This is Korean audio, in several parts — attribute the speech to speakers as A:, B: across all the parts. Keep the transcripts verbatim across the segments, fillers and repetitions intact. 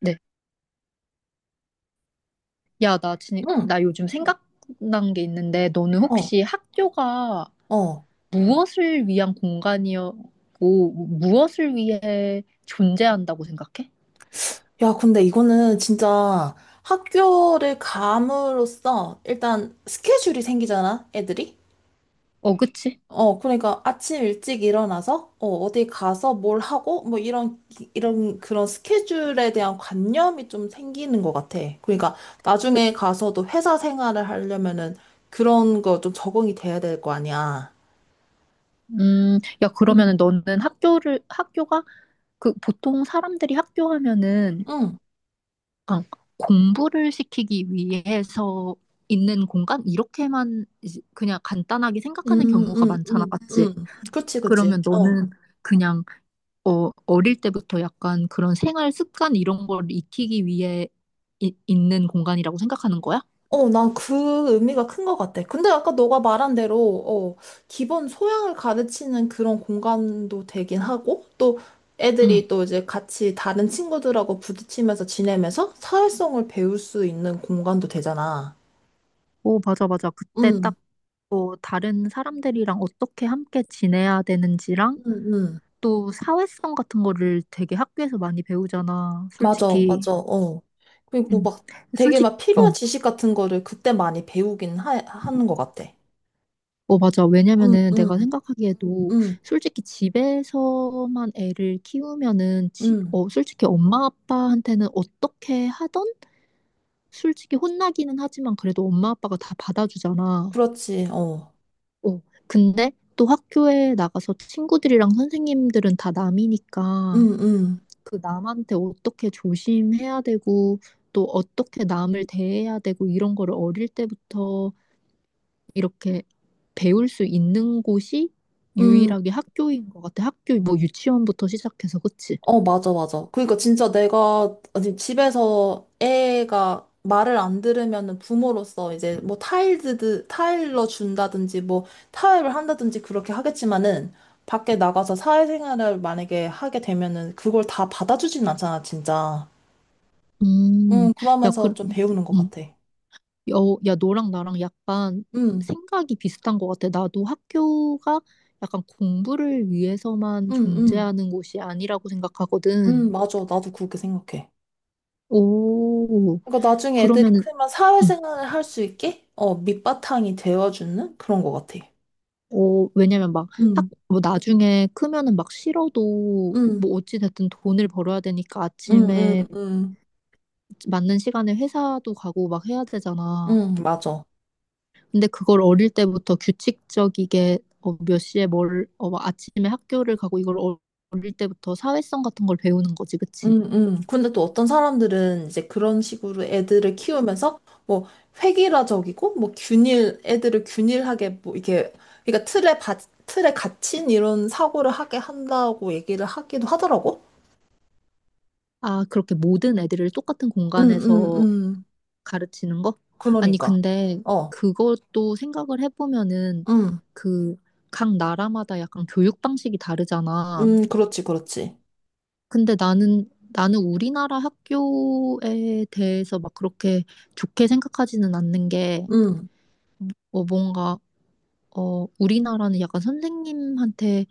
A: 네. 야, 나 진,
B: 응,
A: 나 요즘 생각난 게 있는데, 너는
B: 어,
A: 혹시 학교가
B: 어.
A: 무엇을 위한 공간이었고, 무엇을 위해 존재한다고 생각해?
B: 야, 근데 이거는 진짜 학교를 감으로써 일단 스케줄이 생기잖아, 애들이?
A: 어, 그치?
B: 어, 그러니까 아침 일찍 일어나서, 어, 어디 가서 뭘 하고, 뭐 이런, 기- 이런 그런 스케줄에 대한 관념이 좀 생기는 것 같아. 그러니까 나중에 가서도 회사 생활을 하려면은 그런 거 좀 적응이 돼야 될 거 아니야.
A: 음, 야,
B: 응,
A: 그러면은 너는 학교를, 학교가, 그, 보통 사람들이 학교 하면은,
B: 응,
A: 그냥 공부를 시키기 위해서 있는 공간? 이렇게만 이제 그냥 간단하게 생각하는
B: 응,
A: 경우가
B: 응,
A: 많잖아,
B: 응,
A: 맞지?
B: 응. 그치, 그치.
A: 그러면
B: 어.
A: 너는 그냥 어, 어릴 때부터 약간 그런 생활 습관 이런 걸 익히기 위해 이- 있는 공간이라고 생각하는 거야?
B: 어, 난 그 의미가 큰 것 같아. 근데 아까 너가 말한 대로, 어, 기본 소양을 가르치는 그런 공간도 되긴 하고, 또
A: 응.
B: 애들이 또 이제 같이 다른 친구들하고 부딪히면서 지내면서 사회성을 배울 수 있는 공간도 되잖아.
A: 오, 맞아, 맞아. 그때
B: 응,
A: 딱, 어, 다른 사람들이랑 어떻게 함께 지내야 되는지랑
B: 응, 응.
A: 또 사회성 같은 거를 되게 학교에서 많이 배우잖아,
B: 맞아,
A: 솔직히.
B: 맞아, 어. 그리고
A: 응.
B: 막 되게
A: 솔직히,
B: 막 필요한
A: 어,
B: 지식 같은 거를 그때 많이 배우긴 하, 하는 것 같아.
A: 어, 맞아.
B: 응,
A: 왜냐면은 내가
B: 응,
A: 생각하기에도
B: 응,
A: 솔직히 집에서만 애를 키우면은, 지,
B: 응.
A: 어, 솔직히 엄마 아빠한테는 어떻게 하던 솔직히 혼나기는 하지만 그래도 엄마 아빠가 다 받아주잖아.
B: 그렇지, 어.
A: 어, 근데 또 학교에 나가서 친구들이랑 선생님들은 다 남이니까
B: 응, 응.
A: 그 남한테 어떻게 조심해야 되고 또 어떻게 남을 대해야 되고 이런 거를 어릴 때부터 이렇게 배울 수 있는 곳이
B: 응.
A: 유일하게 학교인 것 같아. 학교 뭐 유치원부터 시작해서 그치?
B: 어, 맞아, 맞아. 그러니까 진짜 내가 아니, 집에서 애가 말을 안 들으면은 부모로서 이제 뭐 타일드, 타일러 준다든지 뭐 타협을 한다든지 그렇게 하겠지만은 밖에 나가서 사회생활을 만약에 하게 되면은 그걸 다 받아주진 않잖아, 진짜.
A: 음,
B: 음,
A: 야,
B: 그러면서
A: 그,
B: 좀 배우는 것
A: 음.
B: 같아.
A: 야, 어, 야, 너랑 나랑 약간
B: 음,
A: 생각이 비슷한 것 같아. 나도 학교가 약간 공부를
B: 음,
A: 위해서만
B: 음,
A: 존재하는 곳이 아니라고
B: 음,
A: 생각하거든.
B: 맞아. 나도 그렇게 생각해.
A: 오,
B: 그러니까 나중에 애들이
A: 그러면은,
B: 크면
A: 응.
B: 사회생활을 할 수 있게 어, 밑바탕이 되어주는 그런 것 같아.
A: 어, 왜냐면 막 학,
B: 음,
A: 뭐 나중에 크면은 막 싫어도
B: 음.
A: 뭐 어찌됐든 돈을 벌어야 되니까
B: 응, 응,
A: 아침에
B: 응,
A: 맞는 시간에 회사도 가고 막 해야 되잖아.
B: 응, 맞아.
A: 근데 그걸 어릴 때부터 규칙적이게 어, 몇 시에 뭘, 어, 막 아침에 학교를 가고 이걸 어- 어릴 때부터 사회성 같은 걸 배우는 거지, 그치?
B: 응, 응. 근데 또 어떤 사람들은 이제 그런 식으로 애들을 키우면서 뭐 획일화적이고 뭐 균일, 애들을 균일하게 뭐 이렇게, 그러니까 틀에 바, 틀에 갇힌 이런 사고를 하게 한다고 얘기를 하기도 하더라고.
A: 아, 그렇게 모든 애들을 똑같은
B: 응, 응,
A: 공간에서
B: 응.
A: 가르치는 거? 아니,
B: 그러니까.
A: 근데
B: 어,
A: 그것도 생각을 해보면은
B: 응,
A: 그 각 나라마다 약간 교육 방식이 다르잖아.
B: 응, 그렇지, 그렇지.
A: 근데 나는, 나는 우리나라 학교에 대해서 막 그렇게 좋게 생각하지는 않는 게
B: 응,
A: 어, 뭔가 어, 우리나라는 약간 선생님한테,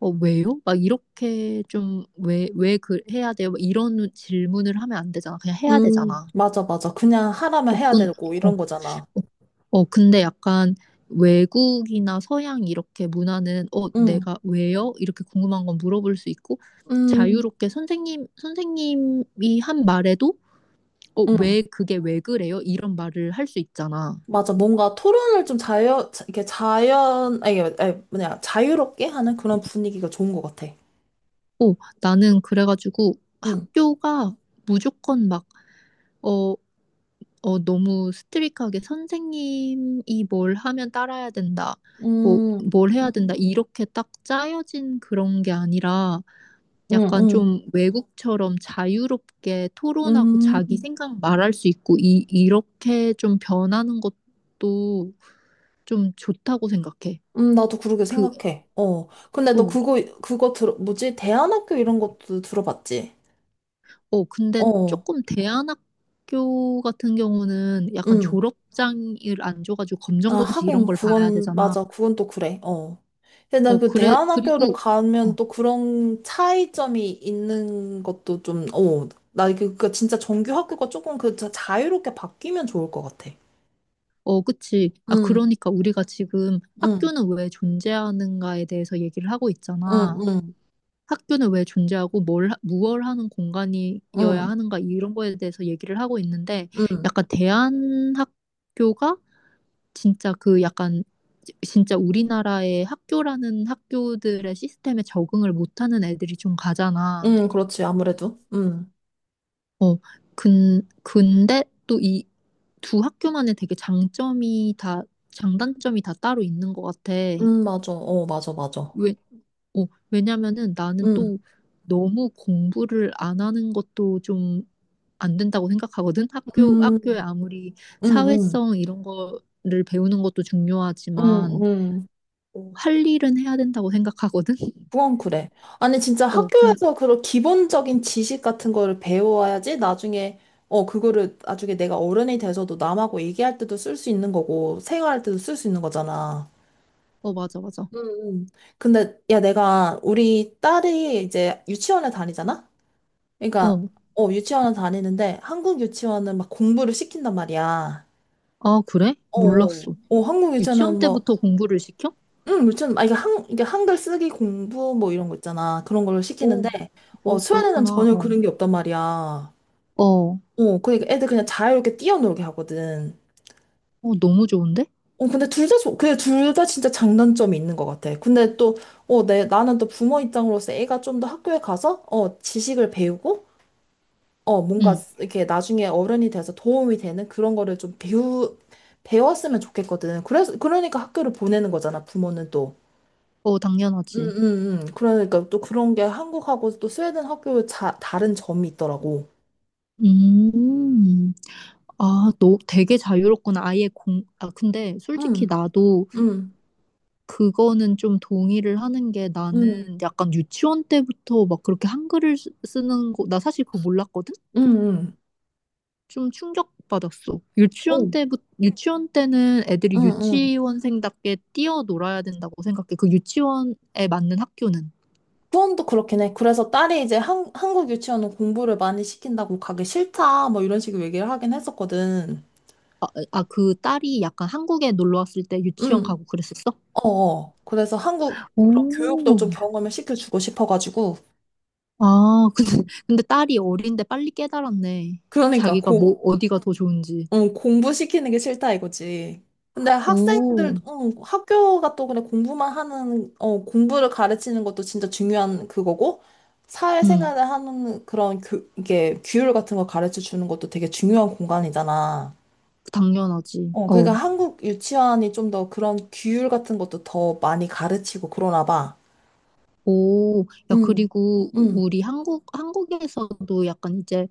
A: 어, 왜요? 막 이렇게 좀, 왜, 왜 그, 해야 돼요? 막 이런 질문을 하면 안 되잖아. 그냥 해야
B: 응,
A: 되잖아.
B: 맞아, 맞아. 그냥 하라면 해야
A: 어떤,
B: 되고
A: 어,
B: 이런
A: 어,
B: 거잖아.
A: 어, 근데 약간 외국이나 서양 이렇게 문화는, 어,
B: 응,
A: 내가 왜요? 이렇게 궁금한 건 물어볼 수 있고,
B: 응.
A: 자유롭게 선생님, 선생님이 한 말에도, 어,
B: 응,
A: 왜, 그게 왜 그래요? 이런 말을 할 수 있잖아.
B: 맞아. 뭔가 토론을 좀 자연, 자- 이렇게 자연, 아니, 아니, 뭐냐, 자유롭게 하는 그런 분위기가 좋은 것 같아.
A: 어, 나는 그래가지고
B: 응,
A: 학교가 무조건 막, 어, 어, 너무 스트릭하게 선생님이 뭘 하면 따라야 된다. 뭐,
B: 음,
A: 뭘 해야 된다. 이렇게 딱 짜여진 그런 게 아니라
B: 음,
A: 약간
B: 음,
A: 좀 외국처럼 자유롭게 토론하고
B: 음,
A: 자기 생각 말할 수 있고 이, 이렇게 좀 변하는 것도 좀 좋다고 생각해.
B: 음, 나도 그러게
A: 그,
B: 생각해. 어. 근데 너
A: 어,
B: 그거, 그거 들어, 뭐지? 대안학교 이런 것도 들어봤지?
A: 어, 근데
B: 어,
A: 조금 대안학교 같은 경우는 약간
B: 응.
A: 졸업장을 안 줘가지고
B: 아,
A: 검정고시 이런
B: 하긴,
A: 걸 봐야
B: 그건,
A: 되잖아.
B: 맞아. 그건 또 그래. 어. 근데
A: 어,
B: 난 그
A: 그래,
B: 대안학교를
A: 그리고 어,
B: 가면 또 그런 차이점이 있는 것도 좀, 어. 나 그, 그 진짜 정규 학교가 조금 그 자- 자유롭게 바뀌면 좋을 것 같아.
A: 어, 그치. 아,
B: 응,
A: 그러니까 우리가 지금
B: 응,
A: 학교는 왜 존재하는가에 대해서 얘기를 하고
B: 응,
A: 있잖아.
B: 응,
A: 학교는 왜 존재하고 뭘, 하- 무얼 하는 공간이어야
B: 응,
A: 하는가 이런 거에 대해서 얘기를 하고 있는데
B: 응,
A: 약간 대한학교가 진짜 그 약간 진짜 우리나라의 학교라는 학교들의 시스템에 적응을 못하는 애들이 좀 가잖아.
B: 응, 그렇지. 아무래도. 응,
A: 어, 근, 근데 또 이 두 학교만의 되게 장점이 다, 장단점이 다 따로 있는 것 같아.
B: 응, 맞아. 어, 맞아, 맞아.
A: 왜, 어, 왜냐면은 나는
B: 응,
A: 또 너무 공부를 안 하는 것도 좀 안 된다고 생각하거든. 학교, 학교에
B: 응,
A: 아무리
B: 응, 응,
A: 사회성 이런 거를 배우는 것도
B: 응,
A: 중요하지만,
B: 응.
A: 어, 할 일은 해야 된다고 생각하거든.
B: 그건 그래. 아니, 진짜
A: 어, 근,
B: 학교에서 그런 기본적인 지식 같은 거를 배워야지 나중에, 어, 그거를 나중에 내가 어른이 돼서도 남하고 얘기할 때도 쓸 수 있는 거고, 생활할 때도 쓸 수 있는 거잖아.
A: 어, 맞아, 맞아.
B: 응, 응. 근데, 야, 내가 우리 딸이 이제 유치원에 다니잖아? 그러니까,
A: 어,
B: 어, 유치원에 다니는데 한국 유치원은 막 공부를 시킨단 말이야.
A: 아, 그래?
B: 어, 어,
A: 몰랐어.
B: 어, 한국
A: 유치원
B: 유치원은 뭐
A: 때부터 공부를 시켜?
B: 응, 유치원, 아, 이게 한, 이게 한글 쓰기 공부 뭐 이런 거 있잖아. 그런 걸
A: 오,
B: 시키는데, 어,
A: 오,
B: 스웨덴은
A: 그렇구나.
B: 전혀
A: 어.
B: 그런 게 없단 말이야.
A: 어.
B: 어, 그러니까 애들 그냥 자유롭게 뛰어놀게 하거든.
A: 어, 너무 좋은데?
B: 어, 근데 둘 다, 좋- 그게 둘 다 진짜 장단점이 있는 것 같아. 근데 또, 어, 내, 나는 또 부모 입장으로서 애가 좀 더 학교에 가서, 어, 지식을 배우고, 어, 뭔가
A: 응.
B: 이렇게 나중에 어른이 돼서 도움이 되는 그런 거를 좀 배우, 배웠으면 좋겠거든. 그래서, 그러니까 학교를 보내는 거잖아, 부모는.
A: 어,
B: 음,
A: 당연하지.
B: 음, 음. 그러니까 또 그런 게 한국하고 또 스웨덴 학교의 자, 다른 점이 있더라고.
A: 음. 아, 너 되게 자유롭구나. 아예 공, 아, 근데 솔직히
B: 응
A: 나도
B: 응
A: 그거는 좀 동의를 하는 게
B: 응
A: 나는 약간 유치원 때부터 막 그렇게 한글을 쓰- 쓰는 거, 나 사실 그거 몰랐거든?
B: 응 응
A: 좀 충격받았어.
B: 어,
A: 유치원
B: 응,
A: 때부, 유치원 때는 애들이
B: 응.
A: 유치원생답게 뛰어놀아야 된다고 생각해. 그 유치원에 맞는 학교는.
B: 후원도 그렇긴 해. 그래서 딸이 이제 한, 한국 유치원은 공부를 많이 시킨다고 가기 싫다, 뭐 이런 식으로 얘기를 하긴 했었거든.
A: 아, 그 딸이 약간 한국에 놀러 왔을 때 유치원
B: 응
A: 가고 그랬었어?
B: 어, 어. 그래서 한국 그런 교육도
A: 오,
B: 좀 경험을 시켜주고 싶어가지고.
A: 아, 근데, 근데 딸이 어린데 빨리 깨달았네.
B: 그러니까
A: 자기가
B: 고
A: 뭐, 어디가 더 좋은지.
B: 어, 공부시키는 게 싫다 이거지. 근데 학생들,
A: 오,
B: 어, 학교가 또 그냥 공부만 하는, 어, 공부를 가르치는 것도 진짜 중요한 그거고,
A: 응,
B: 사회생활을 하는 그런 교, 이게 규율 같은 거 가르쳐 주는 것도 되게 중요한 공간이잖아.
A: 당연하지.
B: 어, 그러니까
A: 어.
B: 한국 유치원이 좀 더 그런 규율 같은 것도 더 많이 가르치고 그러나 봐.
A: 오, 야,
B: 응,
A: 그리고
B: 응,
A: 우리 한국, 한국에서도 약간 이제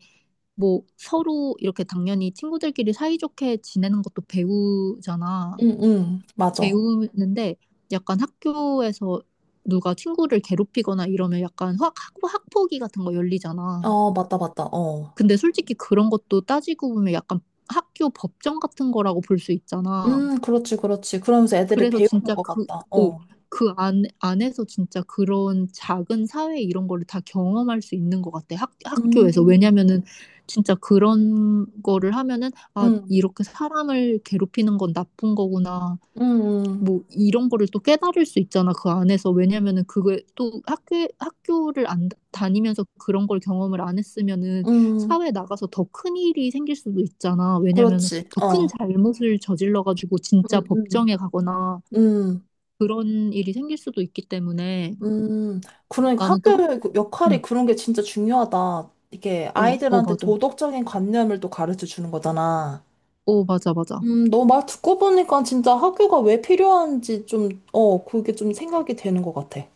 A: 뭐 서로 이렇게 당연히 친구들끼리 사이좋게 지내는 것도 배우잖아.
B: 응, 응, 맞아.
A: 배우는데 약간 학교에서 누가 친구를 괴롭히거나 이러면 약간 확 학- 학폭위 같은 거 열리잖아.
B: 어, 맞다, 맞다, 어.
A: 근데 솔직히 그런 것도 따지고 보면 약간 학교 법정 같은 거라고 볼 수 있잖아.
B: 음, 그렇지, 그렇지. 그러면서 애들이
A: 그래서
B: 배우는
A: 진짜
B: 것
A: 그,
B: 같다,
A: 어,
B: 어.
A: 그 안, 안에서 진짜 그런 작은 사회 이런 거를 다 경험할 수 있는 것 같아. 학, 학교에서.
B: 음.
A: 왜냐면은 진짜 그런 거를 하면은 아,
B: 응,
A: 이렇게 사람을 괴롭히는 건 나쁜 거구나.
B: 응,
A: 뭐 이런 거를 또 깨달을 수 있잖아 그 안에서 왜냐면은 그게 또 학교 학교를 안 다- 다니면서 그런 걸 경험을 안 했으면은
B: 응, 응.
A: 사회 나가서 더 큰 일이 생길 수도 있잖아 왜냐면은
B: 그렇지.
A: 더 큰
B: 어,
A: 잘못을 저질러 가지고 진짜
B: 응, 응,
A: 법정에 가거나
B: 응,
A: 그런 일이 생길 수도 있기 때문에
B: 응. 그러니까
A: 나는 또 학,
B: 학교의 그
A: 응.
B: 역할이 그런 게 진짜 중요하다. 이게
A: 어, 어
B: 아이들한테
A: 맞아
B: 도덕적인 관념을 또 가르쳐 주는 거잖아.
A: 어 맞아, 맞아.
B: 음, 너 말 듣고 보니까 진짜 학교가 왜 필요한지 좀, 어, 그게 좀 생각이 되는 것 같아.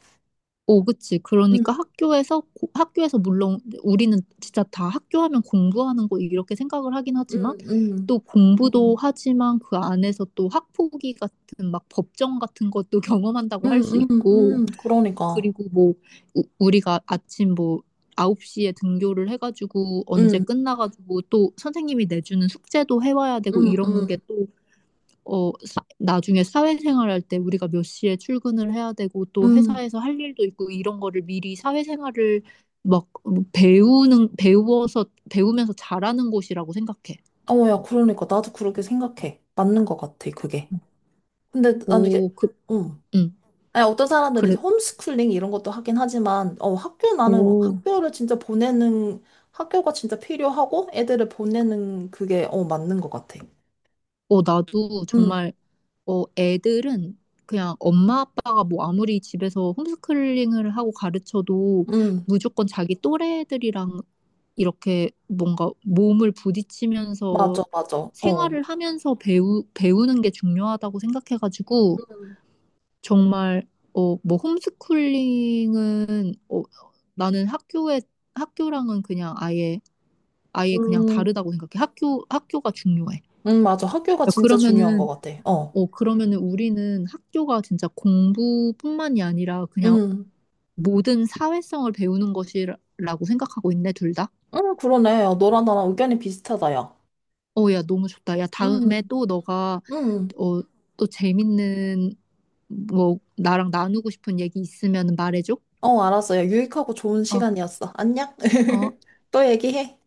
A: 오, 그치.
B: 응,
A: 그러니까 학교에서, 고- 학교에서 물론 우리는 진짜 다 학교 하면 공부하는 거 이렇게 생각을 하긴
B: 응,
A: 하지만
B: 응,
A: 또 공부도 음. 하지만 그 안에서 또 학폭위 같은 막 법정 같은 것도 경험한다고 할
B: 응,
A: 수
B: 응,
A: 있고
B: 응, 그러니까.
A: 그리고 뭐 우, 우리가 아침 뭐 아홉 시에 등교를 해가지고 언제
B: 응,
A: 끝나가지고 또 선생님이 내주는 숙제도 해와야 되고
B: 응,
A: 이런
B: 응,
A: 게또 어, 사- 나중에 사회생활할 때 우리가 몇 시에 출근을 해야 되고 또
B: 응.
A: 회사에서 할 일도 있고 이런 거를 미리 사회생활을 막 음, 배우는, 배워서, 배우면서 잘하는 곳이라고 생각해.
B: 어, 야, 그러니까. 나도 그렇게 생각해. 맞는 것 같아, 그게. 근데 난 이게,
A: 오, 그,
B: 응.
A: 응,
B: 아니, 어떤 사람들이 이제
A: 그래.
B: 홈스쿨링 이런 것도 하긴 하지만, 어, 학교 나는
A: 오,
B: 학교를 진짜 보내는, 학교가 진짜 필요하고 애들을 보내는 그게, 어, 맞는 것 같아.
A: 어, 나도
B: 응,
A: 정말, 어, 애들은 그냥 엄마 아빠가 뭐 아무리 집에서 홈스쿨링을 하고 가르쳐도
B: 응,
A: 무조건 자기 또래들이랑 이렇게 뭔가 몸을 부딪히면서
B: 맞아, 맞아. 어.
A: 생활을 하면서 배우, 배우는 게 중요하다고 생각해가지고
B: 음,
A: 정말 어, 뭐 홈스쿨링은 어, 나는 학교에 학교랑은 그냥 아예 아예 그냥
B: 음,
A: 다르다고 생각해. 학교 학교가 중요해.
B: 음, 맞아. 학교가 진짜 중요한 것
A: 그러면은
B: 같아. 어.
A: 어, 그러면은 우리는 학교가 진짜 공부뿐만이 아니라 그냥
B: 음,
A: 모든 사회성을 배우는 것이라고 생각하고 있네, 둘 다.
B: 음, 그러네. 어, 너랑 나랑 의견이 비슷하다, 야.
A: 어, 야, 너무 좋다. 야, 다음에
B: 음,
A: 또 너가,
B: 음.
A: 어, 또 재밌는, 뭐, 나랑 나누고 싶은 얘기 있으면 말해줘.
B: 어, 알았어. 야, 유익하고 좋은
A: 어,
B: 시간이었어. 안녕?
A: 어.
B: 또 얘기해.